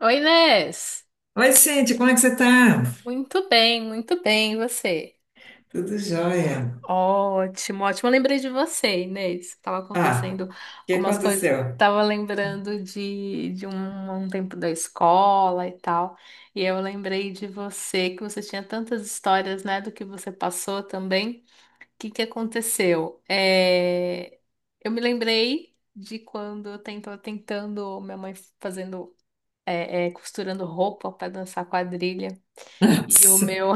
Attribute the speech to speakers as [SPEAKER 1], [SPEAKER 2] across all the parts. [SPEAKER 1] Oi, Inês.
[SPEAKER 2] Oi, gente. Como é que você tá?
[SPEAKER 1] Muito bem, e você?
[SPEAKER 2] Tudo jóia.
[SPEAKER 1] Ótimo, ótimo. Eu lembrei de você, Inês. Tava
[SPEAKER 2] Ah,
[SPEAKER 1] acontecendo
[SPEAKER 2] o que
[SPEAKER 1] algumas coisas.
[SPEAKER 2] aconteceu?
[SPEAKER 1] Tava lembrando de um tempo da escola e tal. E eu lembrei de você, que você tinha tantas histórias, né, do que você passou também. O que que aconteceu? Eu me lembrei de quando minha mãe fazendo costurando roupa para dançar quadrilha. E o
[SPEAKER 2] Nossa,
[SPEAKER 1] meu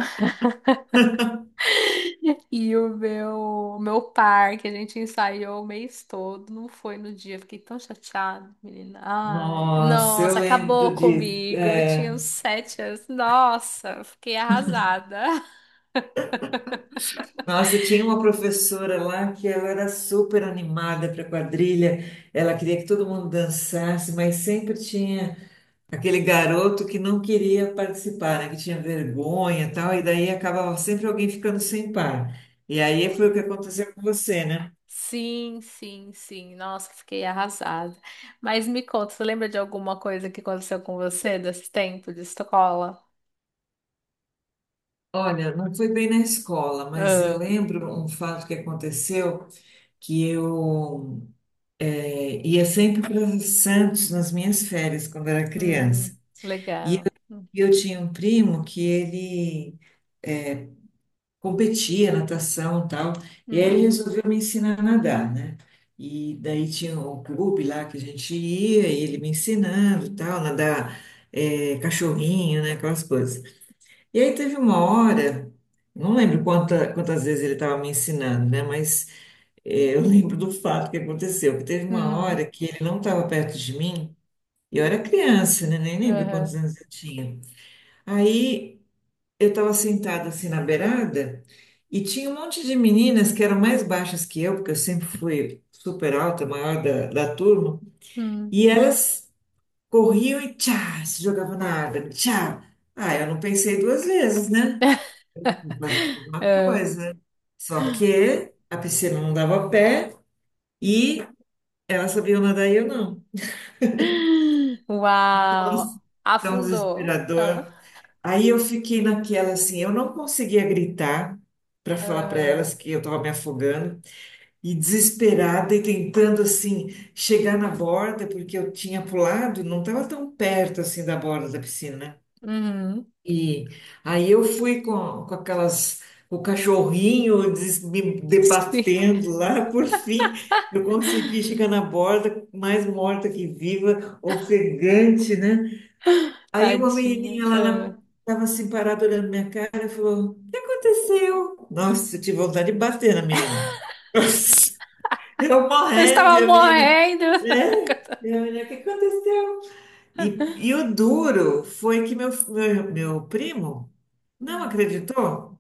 [SPEAKER 1] E o meu par que a gente ensaiou o mês todo, não foi no dia, fiquei tão chateada, menina. Ai,
[SPEAKER 2] nossa, eu
[SPEAKER 1] nossa, acabou
[SPEAKER 2] lembro disso.
[SPEAKER 1] comigo. Eu tinha
[SPEAKER 2] É.
[SPEAKER 1] uns 7 anos. Nossa, eu fiquei arrasada.
[SPEAKER 2] Nossa, e tinha uma professora lá que ela era super animada para quadrilha, ela queria que todo mundo dançasse, mas sempre tinha aquele garoto que não queria participar, né, que tinha vergonha e tal, e daí acabava sempre alguém ficando sem par. E aí
[SPEAKER 1] Foi.
[SPEAKER 2] foi o que aconteceu com você, né?
[SPEAKER 1] Sim, sim, sim. Nossa, fiquei arrasada. Mas me conta, você lembra de alguma coisa que aconteceu com você desse tempo de escola?
[SPEAKER 2] Olha, não foi bem na escola, mas eu
[SPEAKER 1] Ah,
[SPEAKER 2] lembro um fato que aconteceu, que eu ia sempre para Santos nas minhas férias quando era criança.
[SPEAKER 1] hum,
[SPEAKER 2] E
[SPEAKER 1] legal.
[SPEAKER 2] eu, eu tinha um primo que ele competia natação e tal, e aí ele
[SPEAKER 1] Uhum.
[SPEAKER 2] resolveu me ensinar a nadar, né? E daí tinha um clube lá que a gente ia, e ele me ensinando e tal, nadar cachorrinho, né? Aquelas coisas. E aí teve uma hora, não lembro quantas vezes ele estava me ensinando, né? Mas eu lembro do fato que aconteceu, que teve uma hora
[SPEAKER 1] Uhum.
[SPEAKER 2] que ele não estava perto de mim, e eu era criança, né? Nem lembro quantos
[SPEAKER 1] Aham,
[SPEAKER 2] anos eu tinha. Aí eu estava sentada assim na beirada, e tinha um monte de meninas que eram mais baixas que eu, porque eu sempre fui super alta, maior da turma,
[SPEAKER 1] hum,
[SPEAKER 2] e elas corriam e tchá, se jogavam na água, tchá. Ah, eu não pensei duas vezes, né? Vou fazer a mesma
[SPEAKER 1] é.
[SPEAKER 2] coisa. Só que a piscina não dava pé e ela sabia nadar e eu não.
[SPEAKER 1] Uau!
[SPEAKER 2] Nossa, tão
[SPEAKER 1] Afundou. Ah,
[SPEAKER 2] desesperador. Aí eu fiquei naquela assim, eu não conseguia gritar para falar para elas
[SPEAKER 1] aham,
[SPEAKER 2] que eu estava me afogando e desesperada e tentando assim chegar na borda porque eu tinha pulado, não estava tão perto assim da borda da piscina, né?
[SPEAKER 1] uhum.
[SPEAKER 2] E aí eu fui com aquelas, o cachorrinho me
[SPEAKER 1] Sim,
[SPEAKER 2] debatendo lá, por fim eu consegui chegar na borda, mais morta que viva, ofegante, né? Aí uma
[SPEAKER 1] tadinha.
[SPEAKER 2] menininha lá
[SPEAKER 1] Ah.
[SPEAKER 2] tava assim parada olhando minha cara e falou: O que aconteceu? Nossa, eu tive vontade de bater na menina. Eu
[SPEAKER 1] Eu
[SPEAKER 2] morrendo, e
[SPEAKER 1] estava
[SPEAKER 2] a menina,
[SPEAKER 1] morrendo.
[SPEAKER 2] né? E a menina, o que aconteceu? E o duro foi que meu primo não
[SPEAKER 1] Hum.
[SPEAKER 2] acreditou,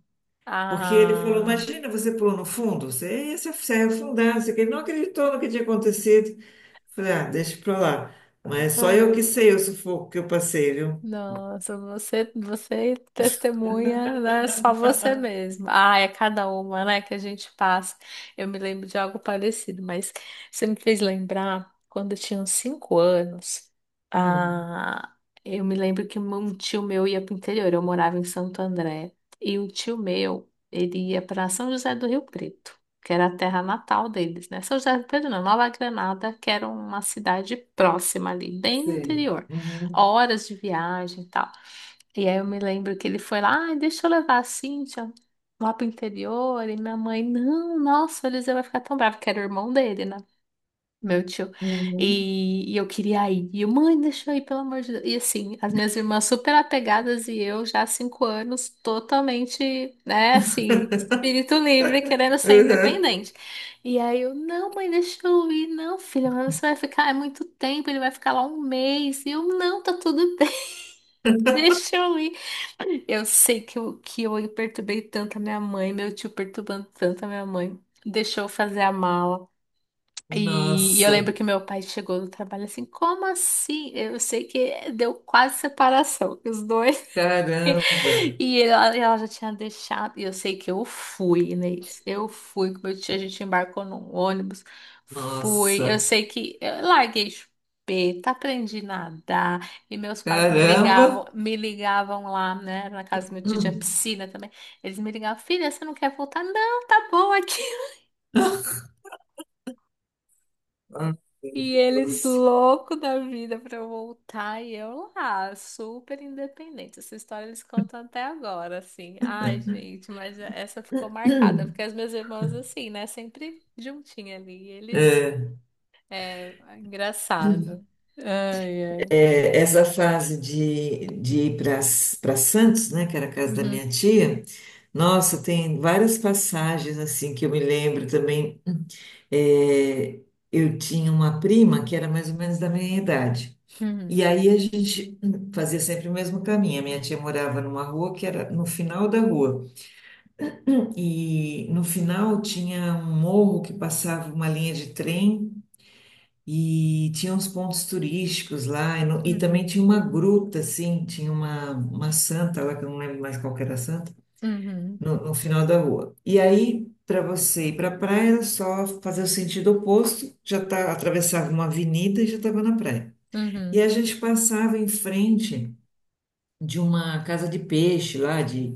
[SPEAKER 2] porque ele falou:
[SPEAKER 1] Ah.
[SPEAKER 2] Imagina, você pulou no fundo, você ia se afundar. Não sei o quê. Ele não acreditou no que tinha acontecido. Falei: Ah, deixa pra lá. Mas é só eu que sei o sufoco que eu passei, viu?
[SPEAKER 1] Nossa, você, você testemunha, né? Só você mesma. Ah, é cada uma, né, que a gente passa. Eu me lembro de algo parecido, mas você me fez lembrar quando eu tinha uns 5 anos.
[SPEAKER 2] Hum,
[SPEAKER 1] Ah, eu me lembro que um tio meu ia para o interior. Eu morava em Santo André e o tio meu ele ia para São José do Rio Preto, que era a terra natal deles, né? São José do Rio Preto, não, Nova Granada, que era uma cidade próxima ali, bem no
[SPEAKER 2] sei.
[SPEAKER 1] interior,
[SPEAKER 2] Uhum.
[SPEAKER 1] horas de viagem e tal. E aí eu me lembro que ele foi lá, ah, deixa eu levar a Cíntia lá pro interior. E minha mãe, não, nossa, o Eliseu vai ficar tão bravo, que era o irmão dele, né? Meu tio.
[SPEAKER 2] Uhum.
[SPEAKER 1] E eu queria ir. E eu, mãe, deixa eu ir, pelo amor de Deus. E assim, as minhas irmãs super apegadas e eu já há 5 anos totalmente, né, assim, espírito livre, querendo ser
[SPEAKER 2] Uhum.
[SPEAKER 1] independente. E aí eu, não, mãe, deixa eu ir. Não, filha, mas você vai ficar, é muito tempo, ele vai ficar lá um mês. E eu, não, tá tudo bem. Deixa eu ir. Eu sei que eu perturbei tanto a minha mãe, meu tio perturbando tanto a minha mãe. Deixou eu fazer a mala. E eu lembro
[SPEAKER 2] Nossa,
[SPEAKER 1] que meu pai chegou do trabalho assim, como assim? Eu sei que deu quase separação, os dois.
[SPEAKER 2] caramba,
[SPEAKER 1] Ela, ela já tinha deixado. E eu sei que eu fui, Inês. Eu fui com meu tio. A gente embarcou num ônibus. Fui. Eu
[SPEAKER 2] nossa,
[SPEAKER 1] sei que eu larguei chupeta, aprendi a nadar. E meus pais
[SPEAKER 2] caramba.
[SPEAKER 1] me ligavam lá, né? Na casa do meu tio tinha
[SPEAKER 2] Hum,
[SPEAKER 1] piscina também. Eles me ligavam, filha, você não quer voltar? Não, tá bom aqui.
[SPEAKER 2] Ai, meu
[SPEAKER 1] E eles
[SPEAKER 2] Deus.
[SPEAKER 1] louco da vida pra eu voltar e eu lá, super independente. Essa história eles contam até agora, assim. Ai, gente, mas essa ficou marcada, porque as minhas irmãs, assim, né, sempre juntinha ali. E eles, é, engraçado. Ai, ai.
[SPEAKER 2] É, essa fase de ir para Santos, né, que era a casa da
[SPEAKER 1] Uhum,
[SPEAKER 2] minha tia, nossa, tem várias passagens assim que eu me lembro também. É, eu tinha uma prima que era mais ou menos da minha idade.
[SPEAKER 1] uhum,
[SPEAKER 2] E aí a gente fazia sempre o mesmo caminho. A minha tia morava numa rua que era no final da rua. E no final tinha um morro que passava uma linha de trem. E tinha uns pontos turísticos lá, e, no- e também
[SPEAKER 1] uhum,
[SPEAKER 2] tinha uma gruta, assim, tinha uma santa lá, que eu não lembro mais qual que era a santa,
[SPEAKER 1] uhum,
[SPEAKER 2] no final da rua. E aí, para você ir para a praia, era só fazer o sentido oposto, já tá, atravessava uma avenida e já estava na praia. E a
[SPEAKER 1] uhum.
[SPEAKER 2] gente passava em frente de uma casa de peixe lá, de,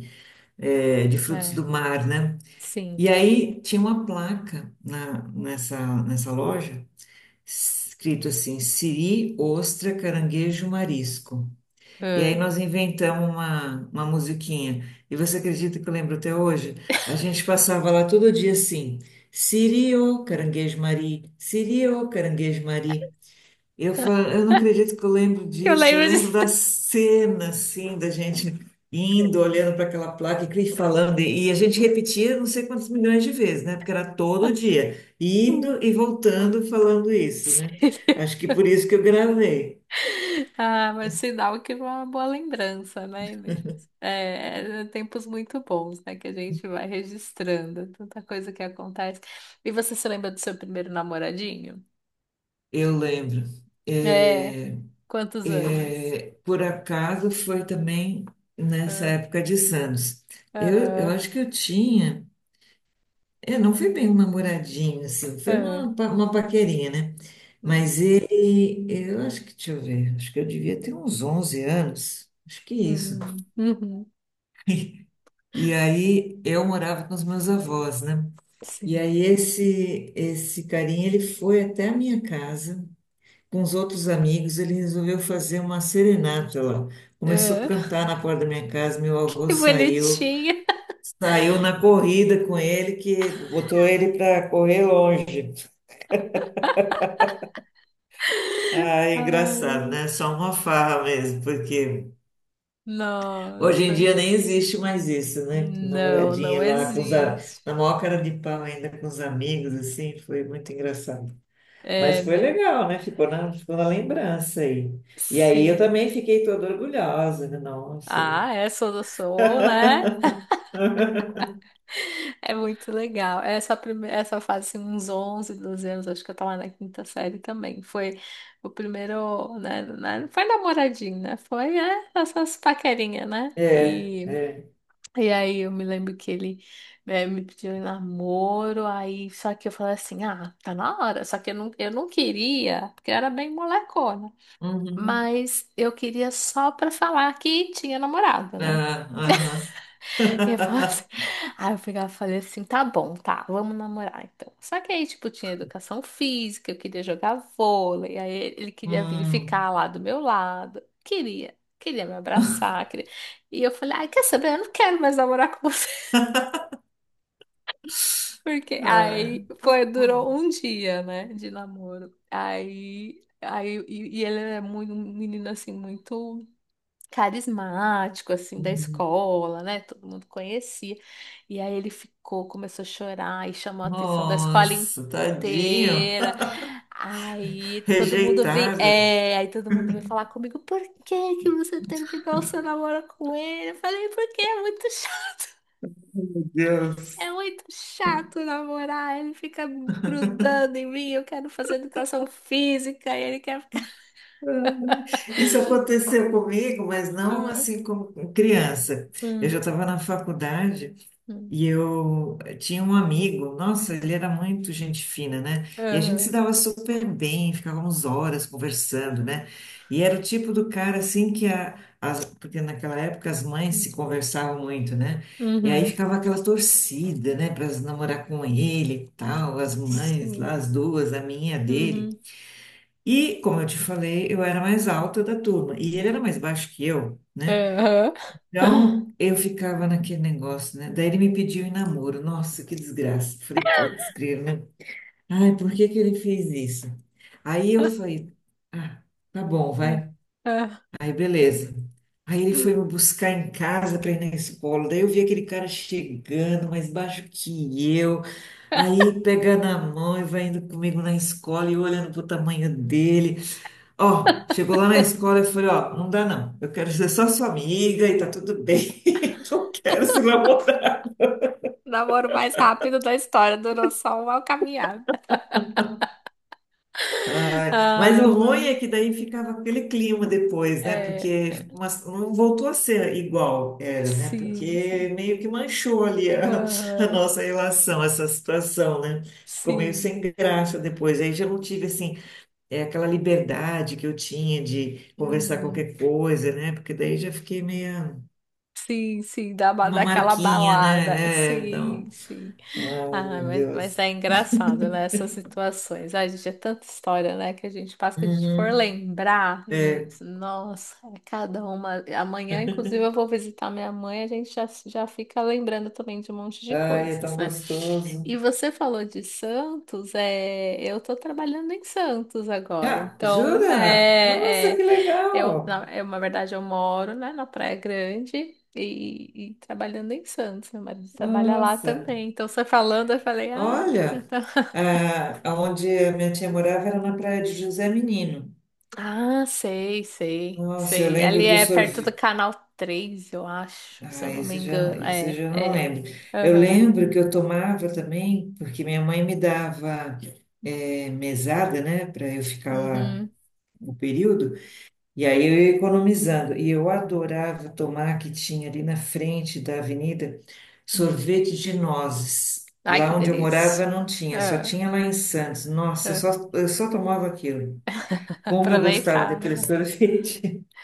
[SPEAKER 2] eh, de frutos
[SPEAKER 1] É,
[SPEAKER 2] do mar, né?
[SPEAKER 1] sim.
[SPEAKER 2] E aí tinha uma placa nessa loja, escrito assim, siri, ostra, caranguejo, marisco. E aí
[SPEAKER 1] Ah.
[SPEAKER 2] nós inventamos uma musiquinha. E você acredita que eu lembro até hoje? A gente passava lá todo dia assim, siri, ô, caranguejo, mari, siri, ô, caranguejo, mari. Eu não acredito que eu lembro
[SPEAKER 1] Eu
[SPEAKER 2] disso. Eu
[SPEAKER 1] lembro
[SPEAKER 2] lembro
[SPEAKER 1] disso.
[SPEAKER 2] da cena, assim, da gente indo, olhando para aquela placa e falando. E a gente repetia não sei quantos milhões de vezes, né? Porque era todo dia, indo e voltando falando isso, né?
[SPEAKER 1] Sim.
[SPEAKER 2] Acho que por isso que eu gravei.
[SPEAKER 1] Ah, mas sinal que foi uma boa lembrança, né, Inês? É, é tempos muito bons, né, que a gente vai registrando, tanta coisa que acontece. E você se lembra do seu primeiro namoradinho?
[SPEAKER 2] Eu lembro.
[SPEAKER 1] É,
[SPEAKER 2] É,
[SPEAKER 1] quantos anos?
[SPEAKER 2] por acaso foi também nessa
[SPEAKER 1] Ah,
[SPEAKER 2] época de Santos. Eu
[SPEAKER 1] aham,
[SPEAKER 2] acho que eu tinha. É, não foi bem um namoradinho, assim, foi
[SPEAKER 1] ah,
[SPEAKER 2] uma paquerinha, né?
[SPEAKER 1] hum,
[SPEAKER 2] Mas ele, eu acho que, deixa eu ver, acho que eu devia ter uns 11 anos, acho que isso.
[SPEAKER 1] uhum, uhum,
[SPEAKER 2] E aí eu morava com os meus avós, né? E
[SPEAKER 1] sim.
[SPEAKER 2] aí esse carinha, ele foi até a minha casa, com os outros amigos, ele resolveu fazer uma serenata lá. Começou a
[SPEAKER 1] Ah,
[SPEAKER 2] cantar na porta da minha casa, meu avô
[SPEAKER 1] que
[SPEAKER 2] saiu,
[SPEAKER 1] bonitinha!
[SPEAKER 2] saiu na corrida com ele, que botou ele para correr longe. Ah, é engraçado,
[SPEAKER 1] Ai,
[SPEAKER 2] né? Só uma farra mesmo, porque hoje em
[SPEAKER 1] nossa,
[SPEAKER 2] dia nem existe mais isso, né?
[SPEAKER 1] não, não
[SPEAKER 2] Namoradinha lá
[SPEAKER 1] existe.
[SPEAKER 2] na maior cara de pau ainda com os amigos, assim, foi muito engraçado. Mas
[SPEAKER 1] É,
[SPEAKER 2] foi
[SPEAKER 1] né?
[SPEAKER 2] legal, né? Ficou na lembrança aí. E aí eu
[SPEAKER 1] Sim.
[SPEAKER 2] também fiquei toda orgulhosa, né? Nossa, né?
[SPEAKER 1] Ah, é, sou do sou, né? É muito legal. Essa fase, assim, uns 11, 12 anos, acho que eu tava na quinta série também. Foi o primeiro, né? Não foi namoradinho, né? Foi, é, essas paquerinhas, né?
[SPEAKER 2] É,
[SPEAKER 1] E,
[SPEAKER 2] é.
[SPEAKER 1] e aí eu me lembro que ele me pediu em namoro, aí só que eu falei assim, ah, tá na hora. Só que eu não queria, porque eu era bem molecona.
[SPEAKER 2] Uhum.
[SPEAKER 1] Mas eu queria só pra falar que tinha namorado, né?
[SPEAKER 2] Ah, aham.
[SPEAKER 1] Eu falava assim- Aí eu pegava e falei assim, tá bom, tá, vamos namorar então. Só que aí, tipo, tinha educação física, eu queria jogar vôlei, aí ele queria vir
[SPEAKER 2] Hum.
[SPEAKER 1] ficar lá do meu lado, queria me abraçar, queria... E eu falei, ai, quer saber, eu não quero mais namorar com você. Porque
[SPEAKER 2] Ah.
[SPEAKER 1] aí foi, durou um dia, né, de namoro. E ele é muito, um menino assim, muito carismático, assim, da
[SPEAKER 2] Uhum.
[SPEAKER 1] escola, né? Todo mundo conhecia. E aí ele ficou, começou a chorar e chamou a atenção da escola
[SPEAKER 2] Nossa, tadinho.
[SPEAKER 1] inteira.
[SPEAKER 2] Rejeitada.
[SPEAKER 1] Aí todo mundo veio falar comigo, por que que você terminou seu namoro com ele? Eu falei, porque é muito chato.
[SPEAKER 2] Deus.
[SPEAKER 1] É muito chato namorar, ele fica grudando em mim, eu quero fazer educação física e ele quer ficar.
[SPEAKER 2] Isso aconteceu comigo, mas não
[SPEAKER 1] Ah,
[SPEAKER 2] assim como criança. Eu
[SPEAKER 1] hum,
[SPEAKER 2] já estava na faculdade
[SPEAKER 1] hum,
[SPEAKER 2] e eu tinha um amigo, nossa, ele era muito gente fina, né? E a gente se
[SPEAKER 1] aham,
[SPEAKER 2] dava super bem, ficávamos horas conversando, né? E era o tipo do cara assim, porque naquela época as mães se
[SPEAKER 1] hum,
[SPEAKER 2] conversavam muito, né? E aí
[SPEAKER 1] uhum.
[SPEAKER 2] ficava aquela torcida, né, para namorar com ele e tal, as mães
[SPEAKER 1] Sim.
[SPEAKER 2] lá, as duas, a minha, a dele.
[SPEAKER 1] Uhum.
[SPEAKER 2] E, como eu te falei, eu era mais alta da turma e ele era mais baixo que eu, né?
[SPEAKER 1] Aham.
[SPEAKER 2] Então, eu ficava naquele negócio, né? Daí ele me pediu em namoro. Nossa, que desgraça. Falei, putz, grilo, né? Ai, por que que ele fez isso? Aí eu falei, ah, tá bom, vai.
[SPEAKER 1] Ah,
[SPEAKER 2] Aí, beleza. Aí ele foi me buscar em casa para ir na escola. Daí eu vi aquele cara chegando, mais baixo que eu. Aí pega na mão e vai indo comigo na escola e eu olhando pro tamanho dele. Ó, chegou lá na escola e falei, ó, não dá não. Eu quero ser só sua amiga e tá tudo bem. Não quero se namorar.
[SPEAKER 1] o namoro mais rápido da história durou só uma caminhada.
[SPEAKER 2] Ai, mas
[SPEAKER 1] Ai,
[SPEAKER 2] o ruim
[SPEAKER 1] mano.
[SPEAKER 2] é que daí ficava aquele clima depois, né?
[SPEAKER 1] É,
[SPEAKER 2] Porque não voltou a ser igual era, né?
[SPEAKER 1] sim,
[SPEAKER 2] Porque
[SPEAKER 1] sim.
[SPEAKER 2] meio que manchou ali a
[SPEAKER 1] Aham,
[SPEAKER 2] nossa relação, essa situação, né? Ficou meio
[SPEAKER 1] sim.
[SPEAKER 2] sem graça depois. Aí já não tive, assim, é, aquela liberdade que eu tinha de conversar
[SPEAKER 1] Uhum.
[SPEAKER 2] qualquer coisa, né? Porque daí já fiquei meio.
[SPEAKER 1] Sim, sim,
[SPEAKER 2] Uma
[SPEAKER 1] daquela
[SPEAKER 2] marquinha,
[SPEAKER 1] balada.
[SPEAKER 2] né? É,
[SPEAKER 1] Sim,
[SPEAKER 2] então.
[SPEAKER 1] sim.
[SPEAKER 2] Ai,
[SPEAKER 1] Ah,
[SPEAKER 2] meu
[SPEAKER 1] mas, mas
[SPEAKER 2] Deus.
[SPEAKER 1] é engraçado, né? Essas situações. Ai, gente, é tanta história, né? Que a gente passa que a gente for
[SPEAKER 2] Uhum.
[SPEAKER 1] lembrar,
[SPEAKER 2] É.
[SPEAKER 1] Inês. Nossa, é cada uma. Amanhã, inclusive, eu vou visitar minha mãe, a gente já fica lembrando também de um monte de
[SPEAKER 2] Ai, é
[SPEAKER 1] coisas,
[SPEAKER 2] tão
[SPEAKER 1] né? E
[SPEAKER 2] gostoso.
[SPEAKER 1] você falou de Santos, é... eu tô trabalhando em Santos agora,
[SPEAKER 2] Ah, jura? Nossa, que legal!
[SPEAKER 1] eu, na verdade, eu moro, né, na Praia Grande e trabalhando em Santos. Meu marido trabalha lá
[SPEAKER 2] Nossa,
[SPEAKER 1] também. Então, você falando, eu falei, ah,
[SPEAKER 2] olha,
[SPEAKER 1] então...
[SPEAKER 2] ah, onde a minha tia morava era na praia de José Menino.
[SPEAKER 1] Ah, sei, sei,
[SPEAKER 2] Nossa, eu
[SPEAKER 1] sei. Ali
[SPEAKER 2] lembro do
[SPEAKER 1] é perto do
[SPEAKER 2] sorvete.
[SPEAKER 1] Canal 3 eu acho, se
[SPEAKER 2] Ah,
[SPEAKER 1] eu não me
[SPEAKER 2] esse já,
[SPEAKER 1] engano.
[SPEAKER 2] esse eu
[SPEAKER 1] É,
[SPEAKER 2] já não
[SPEAKER 1] é.
[SPEAKER 2] lembro. Eu
[SPEAKER 1] Aham.
[SPEAKER 2] lembro que eu tomava também, porque minha mãe me dava mesada, né, para eu ficar lá
[SPEAKER 1] Uhum.
[SPEAKER 2] no período. E aí eu ia economizando. E eu adorava tomar, que tinha ali na frente da avenida, sorvete de nozes.
[SPEAKER 1] Ai, que
[SPEAKER 2] Lá onde eu morava
[SPEAKER 1] delícia.
[SPEAKER 2] não tinha, só
[SPEAKER 1] Ah,
[SPEAKER 2] tinha lá em Santos. Nossa, eu
[SPEAKER 1] ah.
[SPEAKER 2] só, eu só tomava aquilo. Como eu gostava
[SPEAKER 1] Aproveitar,
[SPEAKER 2] daquele
[SPEAKER 1] né?
[SPEAKER 2] sorvete.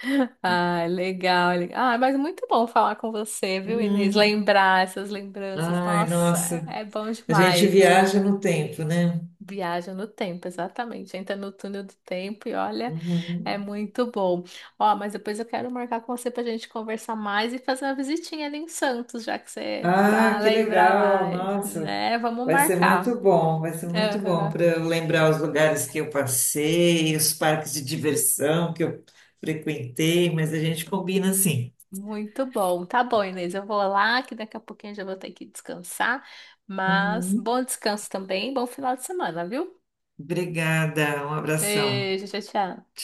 [SPEAKER 1] Ah, legal, legal. Ah, mas muito bom falar com você, viu, Inês?
[SPEAKER 2] Hum.
[SPEAKER 1] Lembrar essas lembranças.
[SPEAKER 2] Ai,
[SPEAKER 1] Nossa,
[SPEAKER 2] nossa.
[SPEAKER 1] é é bom
[SPEAKER 2] A gente
[SPEAKER 1] demais, né?
[SPEAKER 2] viaja no tempo, né?
[SPEAKER 1] Viaja no tempo, exatamente. Entra no túnel do tempo e olha, é
[SPEAKER 2] Uhum.
[SPEAKER 1] muito bom. Ó, mas depois eu quero marcar com você pra gente conversar mais e fazer uma visitinha ali em Santos, já que você, é pra
[SPEAKER 2] Ah, que
[SPEAKER 1] lembrar
[SPEAKER 2] legal!
[SPEAKER 1] mais,
[SPEAKER 2] Nossa,
[SPEAKER 1] né? Vamos
[SPEAKER 2] vai ser
[SPEAKER 1] marcar.
[SPEAKER 2] muito bom, vai ser muito bom
[SPEAKER 1] Aham.
[SPEAKER 2] para eu lembrar os lugares que eu passei, os parques de diversão que eu frequentei, mas a gente combina assim.
[SPEAKER 1] Muito bom. Tá bom, Inês. Eu vou lá, que daqui a pouquinho eu já vou ter que descansar. Mas
[SPEAKER 2] Uhum.
[SPEAKER 1] bom descanso também, bom final de semana, viu?
[SPEAKER 2] Obrigada, um abração.
[SPEAKER 1] Beijo, tchau, tchau.
[SPEAKER 2] Tchau.